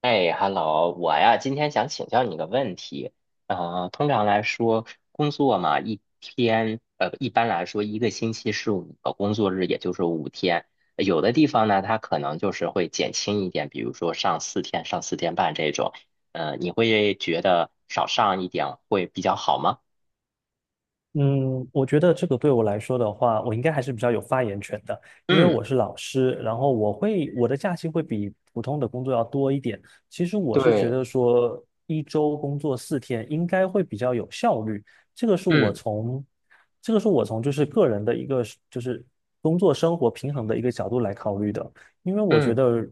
哎，Hello，我呀，今天想请教你个问题。啊。通常来说，工作嘛，一天，一般来说，一个星期是五个工作日，也就是五天。有的地方呢，它可能就是会减轻一点，比如说上四天、上四天半这种。你会觉得少上一点会比较好吗？嗯，我觉得这个对我来说的话，我应该还是比较有发言权的，因为嗯，我是老师，然后我的假期会比普通的工作要多一点。其实我是觉对，得说一周工作四天应该会比较有效率，这个是我嗯从这个是我从个人的一个就是工作生活平衡的一个角度来考虑的，因为我觉嗯，得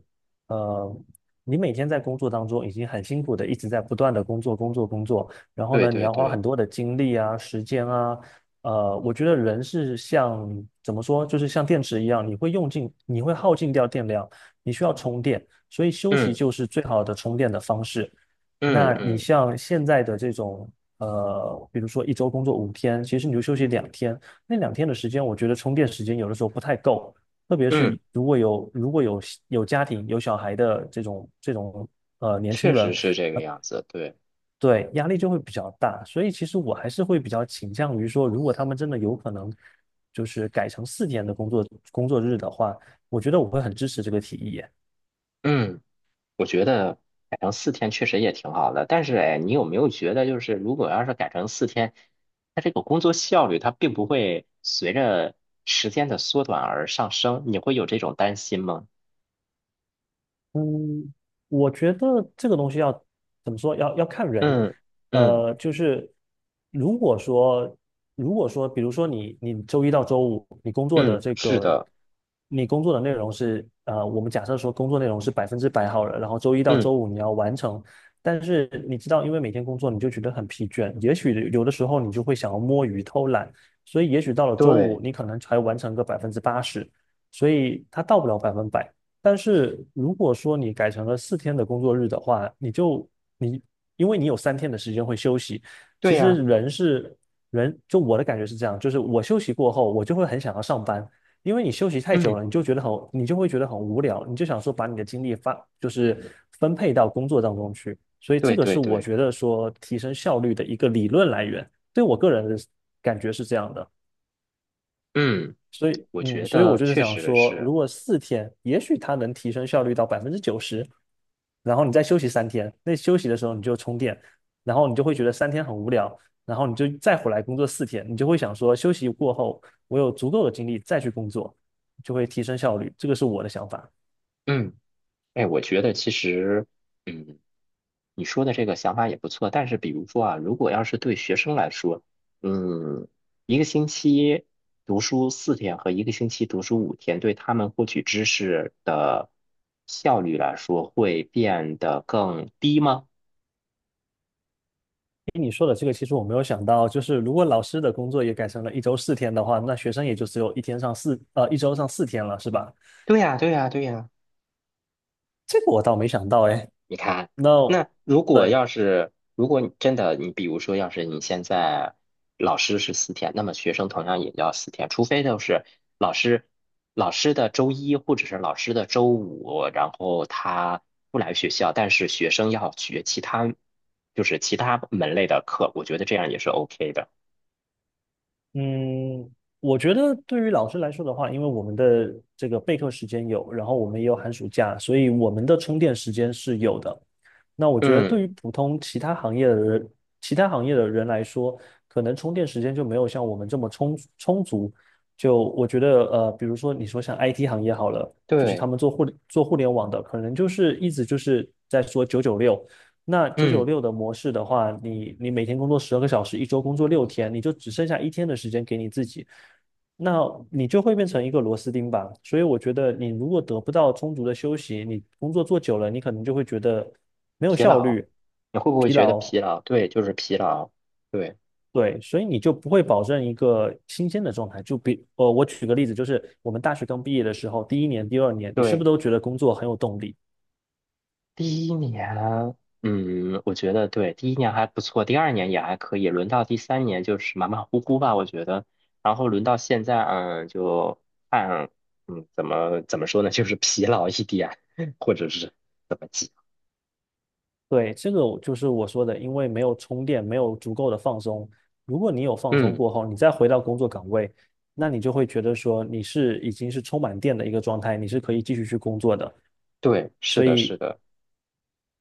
呃，你每天在工作当中已经很辛苦的一直在不断的工作工作工作，然后对呢，你对要花对，很多的精力啊、时间啊，我觉得人是像怎么说，就是像电池一样，你会用尽，你会耗尽掉电量，你需要充电，所以休息嗯就是最好的充电的方式。嗯那你嗯像现在的这种，比如说一周工作五天，其实你就休息两天，那两天的时间，我觉得充电时间有的时候不太够，特别嗯，是如果有有家庭有小孩的这种年轻确实人，是这个样子，对，对，压力就会比较大，所以其实我还是会比较倾向于说，如果他们真的有可能就是改成四天的工作工作日的话，我觉得我会很支持这个提议。嗯。我觉得改成四天确实也挺好的，但是哎，你有没有觉得，就是如果要是改成四天，它这个工作效率它并不会随着时间的缩短而上升，你会有这种担心吗？嗯，我觉得这个东西要怎么说？要看人。嗯嗯呃，就是如果说，比如说你周一到周五你工作的嗯，这是个，的，你工作的内容是我们假设说工作内容是百分之百好了，然后周一到嗯，周五你要完成。但是你知道，因为每天工作你就觉得很疲倦，也许有的时候你就会想要摸鱼偷懒，所以也许到了周五对你可能才完成个百分之八十，所以它到不了百分百。但是如果说你改成了四天的工作日的话，你因为你有三天的时间会休息，其对呀，实人是人，就我的感觉是这样，就是我休息过后，我就会很想要上班，因为你休息太久嗯，了，你就会觉得很无聊，你就想说把你的精力发就是分配到工作当中去，所以这对个是对我对，觉得说提升效率的一个理论来源，对我个人的感觉是这样的。嗯，所以，我嗯，觉所以我得就是确想实说，是，如果四天，也许它能提升效率到百分之九十，然后你再休息三天，那休息的时候你就充电，然后你就会觉得三天很无聊，然后你就再回来工作四天，你就会想说，休息过后我有足够的精力再去工作，就会提升效率。这个是我的想法。嗯，哎，我觉得其实，嗯。你说的这个想法也不错，但是比如说啊，如果要是对学生来说，嗯，一个星期读书四天和一个星期读书五天，对他们获取知识的效率来说，会变得更低吗？听你说的这个，其实我没有想到，就是如果老师的工作也改成了一周四天的话，那学生也就只有一天上四，一周上四天了，是吧？对呀，对呀，对呀。这个我倒没想到，哎，你看，那。那如果对，要是，如果你真的，你比如说，要是你现在老师是四天，那么学生同样也要四天，除非就是老师老师的周一或者是老师的周五，然后他不来学校，但是学生要学其他就是其他门类的课，我觉得这样也是 OK 的。嗯，我觉得对于老师来说的话，因为我们的这个备课时间有，然后我们也有寒暑假，所以我们的充电时间是有的。那我觉得嗯，对于普通其他行业的人，其他行业的人来说，可能充电时间就没有像我们这么充足。就我觉得，比如说你说像 IT 行业好了，就是他对，们做互联网的，可能就是一直就是在说九九六，那九九嗯，六的模式的话，你每天工作十二个小时，一周工作六天，你就只剩下一天的时间给你自己，那你就会变成一个螺丝钉吧。所以我觉得，你如果得不到充足的休息，你工作做久了，你可能就会觉得没有疲效劳，率、你会不会疲觉得劳，疲劳？对，就是疲劳。对对，所以你就不会保证一个新鲜的状态。我举个例子，就是我们大学刚毕业的时候，第一年、第二年，你是不是对。都觉得工作很有动力？第一年，嗯，我觉得对，第一年还不错，第二年也还可以，轮到第三年就是马马虎虎吧，我觉得。然后轮到现在，嗯，就按，嗯，怎么说呢，就是 疲劳一点，或者是怎么讲，对，这个我就是我说的，因为没有充电，没有足够的放松。如果你有放松嗯，过后，你再回到工作岗位，那你就会觉得说你是已经是充满电的一个状态，你是可以继续去工作的。对，是所的，以，是的。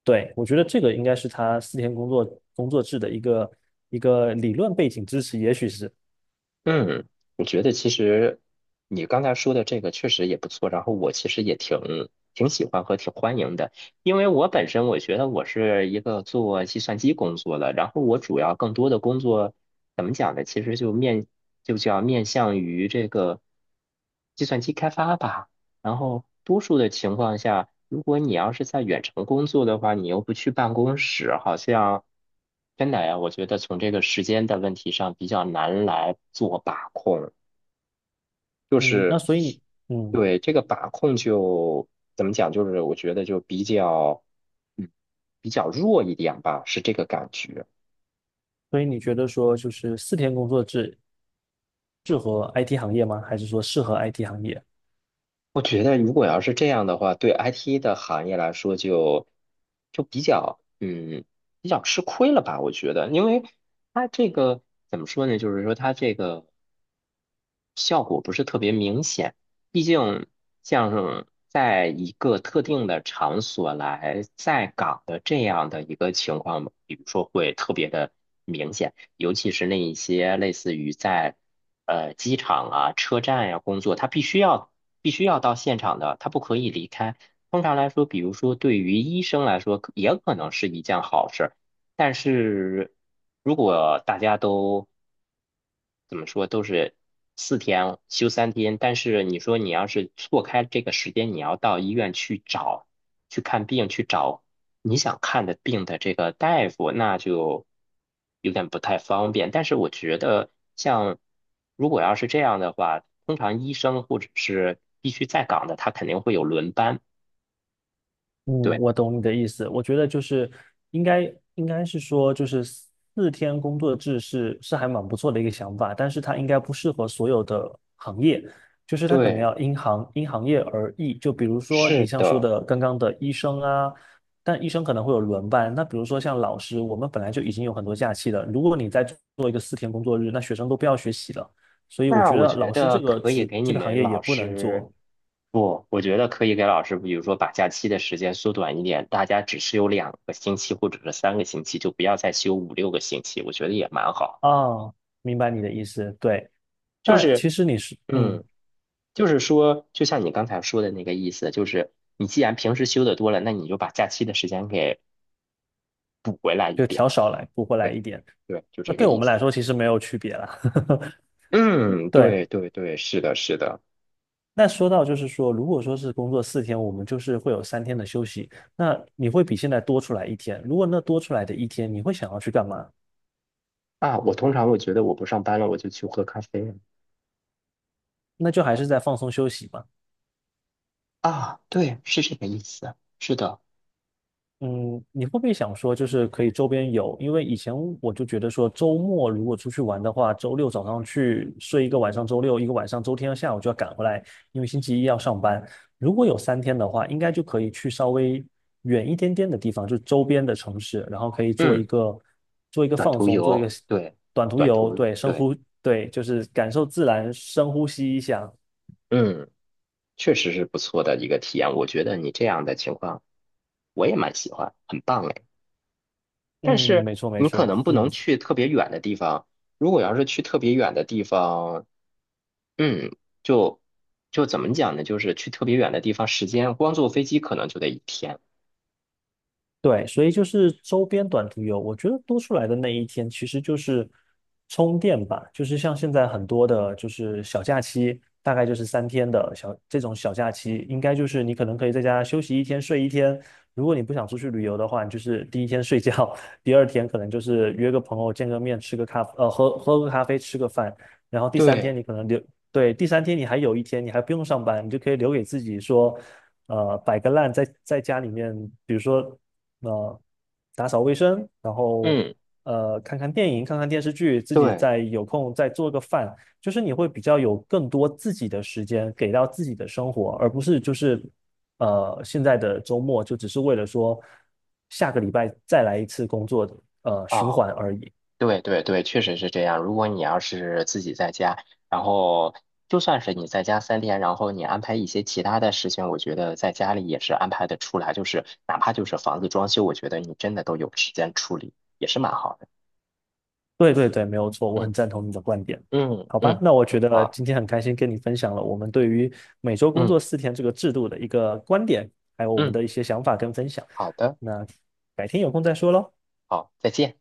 对，我觉得这个应该是他四天工作工作制的一个理论背景支持，也许是，嗯，我觉得其实你刚才说的这个确实也不错，然后我其实也挺喜欢和挺欢迎的，因为我本身我觉得我是一个做计算机工作的，然后我主要更多的工作怎么讲呢？其实就叫面向于这个计算机开发吧。然后多数的情况下，如果你要是在远程工作的话，你又不去办公室，好像真的呀，我觉得从这个时间的问题上比较难来做把控，就嗯，那是所以你，嗯，对这个把控就怎么讲，就是我觉得就比较嗯比较弱一点吧，是这个感觉。所以你觉得说就是四天工作制适合 IT 行业吗？还是说适合 IT 行业？我觉得如果要是这样的话，对 IT 的行业来说就比较嗯比较吃亏了吧？我觉得，因为它这个怎么说呢？就是说它这个。效果不是特别明显。毕竟，像在一个特定的场所来在岗的这样的一个情况，比如说会特别的明显，尤其是那一些类似于在机场啊、车站呀、工作，他必须要到现场的，他不可以离开。通常来说，比如说对于医生来说，也可能是一件好事。但是如果大家都怎么说，都是四天休三天，但是你说你要是错开这个时间，你要到医院去找，去看病，去找你想看的病的这个大夫，那就有点不太方便。但是我觉得，像如果要是这样的话，通常医生或者是必须在岗的，他肯定会有轮班。嗯，对，我懂你的意思。我觉得应该是说，就是四天工作制是还蛮不错的一个想法，但是它应该不适合所有的行业，就是它可能对，要因行业而异。就比如说你是像说的。的刚刚的医生啊，但医生可能会有轮班。那比如说像老师，我们本来就已经有很多假期了，如果你再做一个四天工作日，那学生都不要学习了。所以我那觉我得觉老师得这个可以职给这你个行们业也老不能师，做不，我觉得可以给老师，比如说把假期的时间缩短一点，大家只是有两个星期或者是三个星期，就不要再休五六个星期，我觉得也蛮好。啊。明白你的意思，对。就那是，其实你是，嗯，嗯，就是说，就像你刚才说的那个意思，就是你既然平时休的多了，那你就把假期的时间给补回来一就点。调少来，补回来对一点。对，就那这个对我意们来思。说其实没有区别啦。嗯，对，对对对，是的，是的。那说到就是说，如果说是工作四天，我们就是会有三天的休息，那你会比现在多出来一天。如果那多出来的一天，你会想要去干嘛？啊，我通常我觉得我不上班了，我就去喝咖啡。那就还是在放松休息嘛。啊，对，是这个意思，是的，嗯，你会不会想说，就是可以周边游？因为以前我就觉得说，周末如果出去玩的话，周六早上去睡一个晚上，周六一个晚上，周天下午就要赶回来，因为星期一要上班。如果有三天的话，应该就可以去稍微远一点点的地方，就周边的城市，然后可以嗯，做一个短放途松，做一个游，对，短途短游，途，对，对，对，就是感受自然，深呼吸一下。嗯，确实是不错的一个体验。我觉得你这样的情况，我也蛮喜欢，很棒哎。但嗯，是没错，没你可错，能不嗯。能去特别远的地方，如果要是去特别远的地方，嗯，就就怎么讲呢？就是去特别远的地方，时间光坐飞机可能就得一天。对，所以就是周边短途游，我觉得多出来的那一天其实就是充电吧，就是像现在很多的，就是小假期，大概就是三天的这种小假期，应该就是你可能可以在家休息一天，睡一天。如果你不想出去旅游的话，你就是第一天睡觉，第二天可能就是约个朋友见个面，吃个咖，呃，喝个咖啡，吃个饭，然后第三天对，你可能留，对，第三天你还有一天，你还不用上班，你就可以留给自己说。摆个烂在家里面，比如说呃，打扫卫生，然后嗯，看看电影，看看电视剧，自己对，再有空再做个饭，就是你会比较有更多自己的时间给到自己的生活，而不是就是现在的周末就只是为了说下个礼拜再来一次工作的循啊，环而已。对对对，确实是这样。如果你要是自己在家，然后就算是你在家三天，然后你安排一些其他的事情，我觉得在家里也是安排的出来。就是哪怕就是房子装修，我觉得你真的都有时间处理，也是蛮好的。对对对，没有错，我很嗯赞同你的观点。嗯好吧，嗯，那我觉得好，今天很开心跟你分享了我们对于每周工嗯作四天这个制度的一个观点，还有我们嗯，的一些想法跟分享。好的，那改天有空再说喽。好，再见。